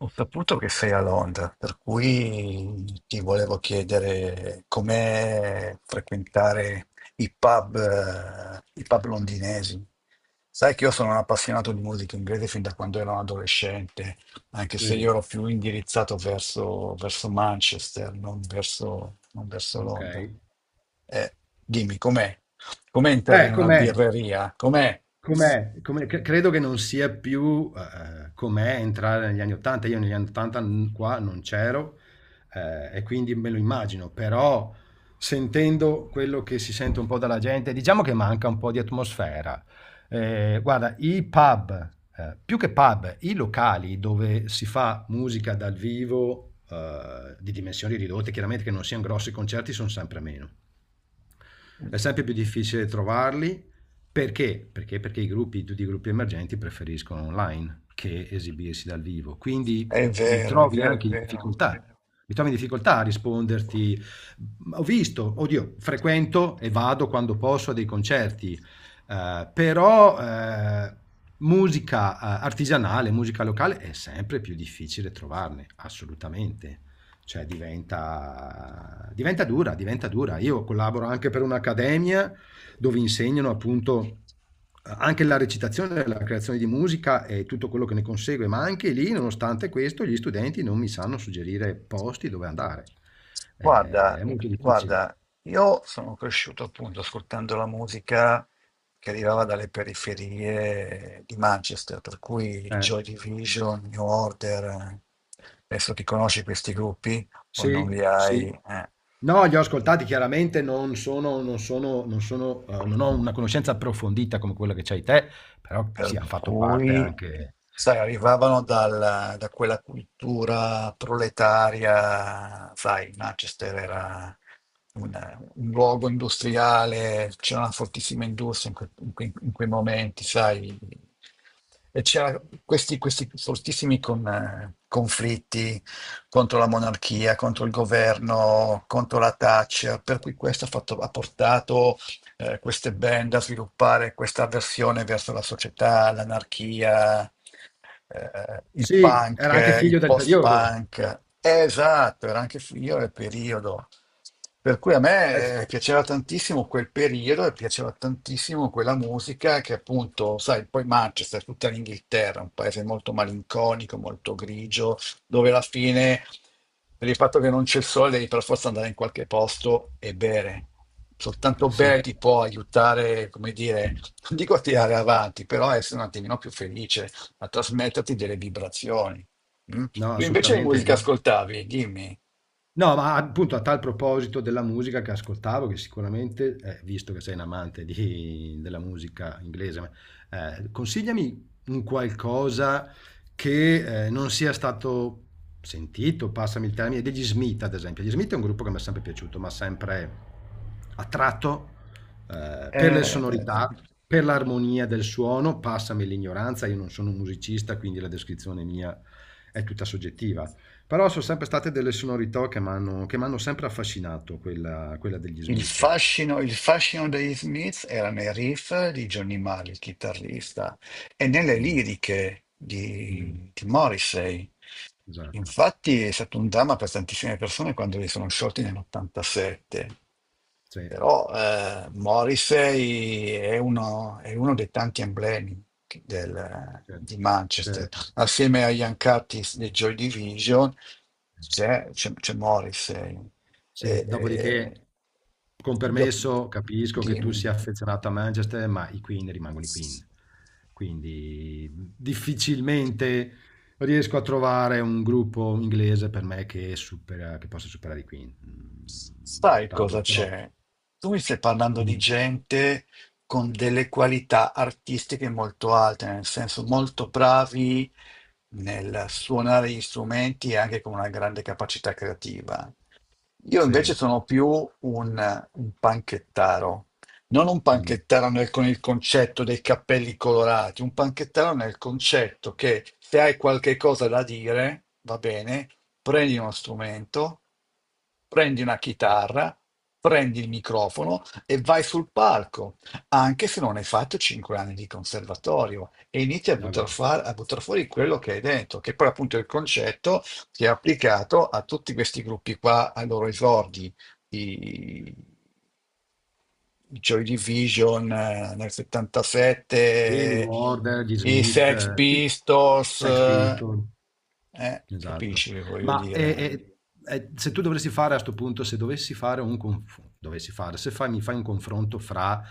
Ho saputo che sei a Londra, per cui ti volevo chiedere com'è frequentare i pub londinesi. Sai che io sono un appassionato di musica inglese fin da quando ero un adolescente, anche se io Vedi, ero più indirizzato verso Manchester, non verso Londra. okay. Eh, Dimmi, com'è? Com'è entrare in una Com'è? birreria? Com'è? Com'è? Come c credo che non sia più, com'è entrare negli anni '80. Io negli anni '80 n qua non c'ero, e quindi me lo immagino, però sentendo quello che si sente un po' dalla gente, diciamo che manca un po' di atmosfera. Guarda, i pub, più che pub, i locali dove si fa musica dal vivo, di dimensioni ridotte, chiaramente che non sian grossi concerti, son sempre meno. È sempre più difficile trovarli perché? Perché, perché i gruppi, tutti i gruppi emergenti preferiscono online che esibirsi dal vivo. Quindi È mi vero, è trovi vero, è anche in vero. difficoltà. Mi trovi in difficoltà a risponderti. Ho visto, oddio, frequento e vado quando posso a dei concerti, però musica artigianale, musica locale è sempre più difficile trovarne, assolutamente, cioè diventa, diventa dura, diventa dura. Io collaboro anche per un'accademia dove insegnano appunto anche la recitazione, la creazione di musica e tutto quello che ne consegue, ma anche lì, nonostante questo, gli studenti non mi sanno suggerire posti dove andare. È Guarda, molto difficile. guarda, io sono cresciuto appunto ascoltando la musica che arrivava dalle periferie di Manchester, per cui Eh, Joy Division, New Order, eh. Adesso ti conosci questi gruppi o non sì, li hai? sì. Eh. No, li ho ascoltati, chiaramente non sono, non ho una conoscenza approfondita come quella che c'hai te, però Per sì, hanno fatto parte cui, anche. sai, arrivavano da quella cultura proletaria. Sai, Manchester era un, un luogo industriale, c'era una fortissima industria in quei momenti. Sai, e c'era questi fortissimi conflitti contro la monarchia, contro il governo, contro la Thatcher, per cui questo ha portato queste band a sviluppare questa avversione verso la società, l'anarchia, il Sì, punk, era anche il figlio del periodo. post-punk. Esatto, era anche io nel periodo. Per cui a S me piaceva tantissimo quel periodo e piaceva tantissimo quella musica che appunto, sai, poi Manchester, tutta l'Inghilterra, un paese molto malinconico, molto grigio, dove alla fine, per il fatto che non c'è il sole, devi per forza andare in qualche posto e bere. eh Soltanto sì, bere ti può aiutare, come dire, non dico a tirare avanti, però a essere un attimino più felice, a trasmetterti delle vibrazioni. Mm? no, Tu invece che assolutamente, musica ma ascoltavi? Dimmi. no, ma appunto a tal proposito della musica che ascoltavo, che sicuramente, visto che sei un amante della musica inglese, ma, consigliami un qualcosa che non sia stato sentito, passami il termine, degli Smith ad esempio. Gli Smith è un gruppo che mi è sempre piaciuto, ma sempre attratto per le Eh, sonorità, per l'armonia del suono, passami l'ignoranza, io non sono un musicista, quindi la descrizione mia è tutta soggettiva, però sono sempre state delle sonorità che mi hanno che m'hanno sempre affascinato, quella, quella degli Il Smith. fascino, il fascino degli Smith era nei riff di Johnny Marr, il chitarrista, e nelle Mh, liriche mh, di Morrissey. esatto, Infatti è stato un dramma per tantissime persone quando li sono sciolti nell'87. sì, Però Morrissey è uno dei tanti emblemi certo, di Manchester. certo. Assieme agli Ancartis dei Joy Division c'è Morrissey. E- Sì, e- dopodiché, con dop- permesso, capisco che tu Dimmi. sia affezionato a Manchester, ma i Queen rimangono i Queen. Quindi difficilmente riesco a trovare un gruppo inglese per me che supera, che possa superare i Queen. Mm, è Sai cosa stato troppo. c'è? Tu mi stai parlando di Mm, gente con delle qualità artistiche molto alte, nel senso molto bravi nel suonare gli strumenti e anche con una grande capacità creativa. Io invece sì, sono più un panchettaro, non un mm, panchettaro con il concetto dei cappelli colorati, un panchettaro nel concetto che se hai qualche cosa da dire, va bene. Prendi uno strumento, prendi una chitarra, prendi il microfono e vai sul palco, anche se non hai fatto 5 anni di conservatorio, e inizi a è buttar, vero. fa- a buttar fuori quello che hai dentro, che poi appunto è il concetto che è applicato a tutti questi gruppi qua, ai loro esordi, i, i Joy Division nel Di New 77, Order, gli i Smith, Sex sì, Pistols, Sex Pistols, esatto. capisci che voglio Ma dire? Se tu dovessi fare a sto punto, se dovessi fare un conf- dovessi fare, se fai, mi fai un confronto fra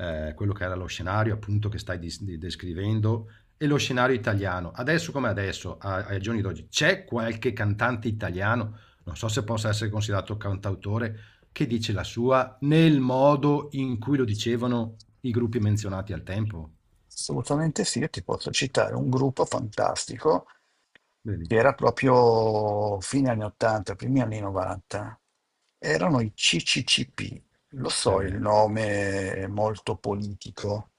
quello che era lo scenario appunto che stai descrivendo e lo scenario italiano, adesso come adesso, ai giorni d'oggi, c'è qualche cantante italiano, non so se possa essere considerato cantautore, che dice la sua nel modo in cui lo dicevano i gruppi menzionati al tempo? Assolutamente sì, io ti posso citare un gruppo fantastico Vedi? che era proprio fine anni 80, primi anni 90. Erano i CCCP. Lo Eh so, il beh. nome è molto politico.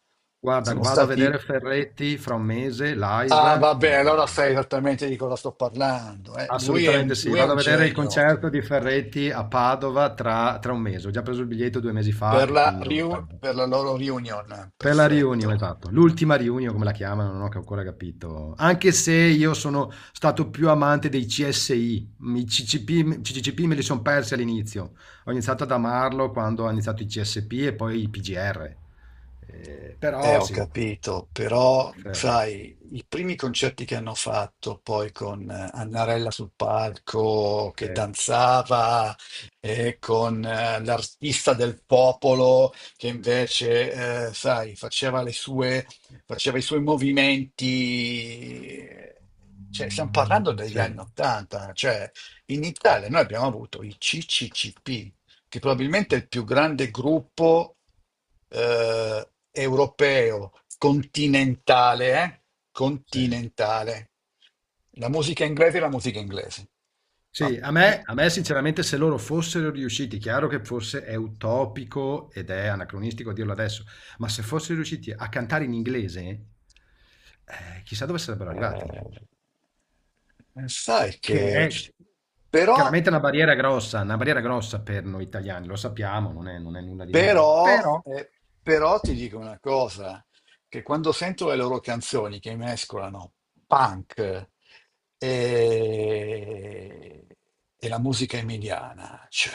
Guarda, Sono vado a stati... vedere Ferretti fra un mese Ah, live. vabbè, allora sai esattamente di cosa sto parlando. Lui è un, Assolutamente sì. lui è Vado un a vedere il genio. concerto di Ferretti a Padova tra un mese. Ho già preso il biglietto due mesi Per fa e la, quindi non mi fa riu- niente. per la loro reunion, Per la riunione, perfetto. esatto. L'ultima riunione, come la chiamano, non ho ancora capito. Anche se io sono stato più amante dei CSI, i CCP, CCCP me li sono persi all'inizio. Ho iniziato ad amarlo quando ho iniziato i CSP e poi i PGR. Però Ho sì, capito, però Ferretti. sai, i primi concerti che hanno fatto poi con Annarella sul palco Sì, che danzava e con l'artista del popolo che invece, sai, faceva le sue, faceva i suoi movimenti. Cioè, stiamo parlando degli sì. anni Ottanta, cioè in Italia noi abbiamo avuto i CCCP, che probabilmente è il più grande gruppo europeo, continentale, eh? Sì. Continentale. La musica inglese è la musica inglese. Ma- Sì, i- a me sinceramente se loro fossero riusciti, chiaro che forse è utopico ed è anacronistico dirlo adesso, ma se fossero riusciti a cantare in inglese, chissà dove sarebbero arrivati. eh, Sai Che che... è Però chiaramente una barriera grossa per noi italiani, lo sappiamo, non è, non è nulla di nuovo, Però, però... eh, però ti dico una cosa, che quando sento le loro canzoni che mescolano punk e, e la musica emiliana, cioè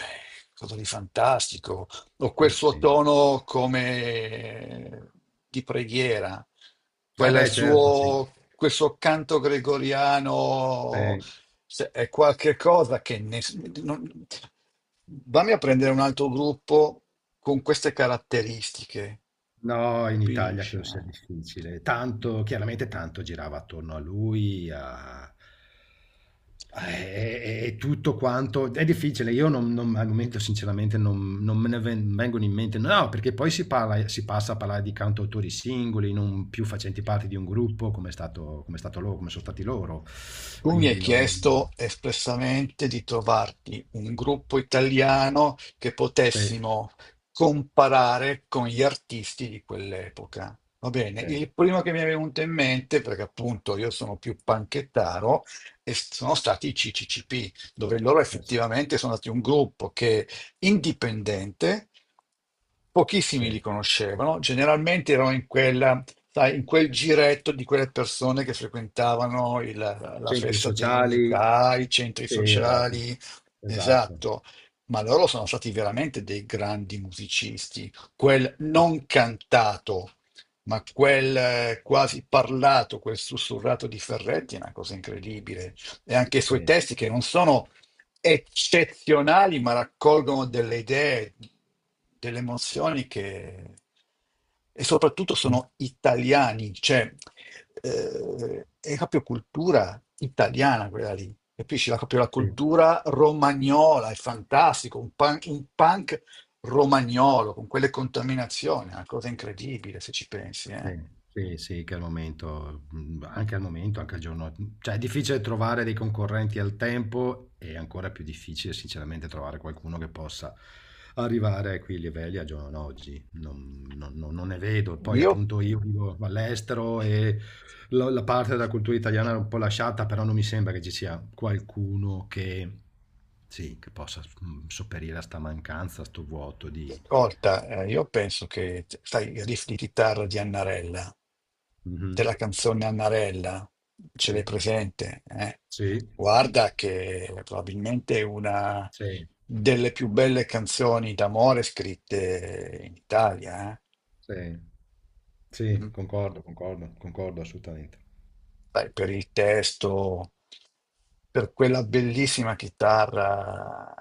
cosa di fantastico, o quel Eh suo sì. tono come di preghiera, Eh quel beh, certo, sì. suo, quel suo canto gregoriano, Sì. se è qualche cosa che ness- non- vammi a prendere un altro gruppo con queste caratteristiche, No, in Italia capisci? credo sia difficile. Eh? Tanto, chiaramente tanto girava attorno a lui, e, e tutto quanto è difficile. Io al momento, sinceramente, non, non me ne vengono in mente. No, perché poi si parla, si passa a parlare di cantautori singoli, non più facenti parte di un gruppo, come è stato loro, come sono stati loro. Tu mi hai Quindi non. chiesto espressamente di trovarti un gruppo italiano che Sì, potessimo comparare con gli artisti di quell'epoca. Va bene, sì, il primo che mi è venuto in mente, perché appunto io sono più panchettaro, e sono stati i CCCP, dove loro effettivamente sono stati un gruppo che indipendente. Pochissimi li sì. conoscevano, generalmente erano in quella, sai, in quel giretto di quelle persone che frequentavano la Centri festa sociali. dell'unità, i centri Sì, esatto. sociali, Esatto. esatto, ma loro sono stati veramente dei grandi musicisti. Quel non cantato, ma quel quasi parlato, quel sussurrato di Ferretti è una cosa incredibile. E anche i suoi Sì. testi che non sono eccezionali, ma raccolgono delle idee, delle emozioni che... e soprattutto Sì, sono italiani, cioè è proprio cultura italiana quella lì, capisci? Proprio la cultura romagnola, è fantastico, un punk romagnolo con quelle contaminazioni, è una cosa incredibile se ci pensi, eh. sì, sì, sì, che al momento, anche al momento, anche al giorno, mm, cioè è difficile trovare dei concorrenti al tempo e ancora più difficile sinceramente trovare qualcuno che possa arrivare a quei livelli al giorno d'oggi. Non, non ne vedo. Poi Io, appunto io vivo all'estero e la, la parte della cultura italiana è un po' lasciata, però non mi sembra che ci sia qualcuno che, sì, che possa sopperire a sta mancanza, a sto vuoto di... Ascolta, io penso che, sai, i riff di chitarra di Annarella, della Mhm. canzone Annarella, Sì, ce l'hai presente? Eh? sì. Guarda che probabilmente è una Sì, delle più belle canzoni d'amore scritte in Italia, eh? sì, sì, Mm. concordo, concordo, concordo assolutamente. Beh, per il testo, per quella bellissima chitarra,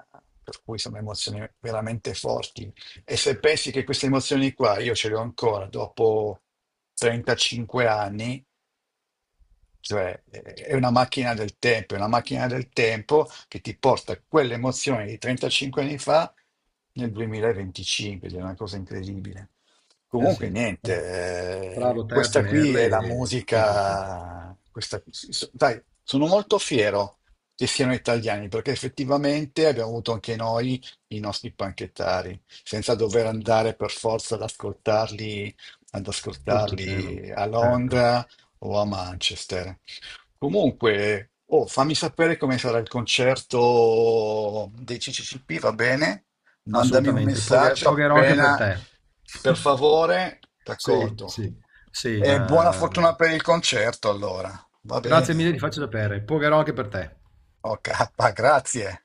per cui sono emozioni veramente forti. E se pensi che queste emozioni qua io ce le ho ancora dopo 35 anni, cioè, è una macchina del tempo, è una macchina del tempo che ti porta quell'emozione di 35 anni fa nel 2025, ed è una cosa incredibile. Eh Comunque, sì, niente, bravo te a questa qui tenerle è la e niente da stretto. musica. Dai, sono molto fiero che siano italiani perché effettivamente abbiamo avuto anche noi i nostri panchettari, senza dover andare per forza ad ascoltarli, ad Oltreoceano, ascoltarli a certo, Londra o a Manchester. Comunque, oh, fammi sapere come sarà il concerto dei CCCP, va bene? Mandami un assolutamente. Messaggio Pogherò anche per appena, te. per favore, Sì, d'accordo. sì, sì, E buona fortuna na. per il concerto, allora. Va Grazie bene. mille, ti faccio sapere. Pogherò anche per te. Ok, grazie.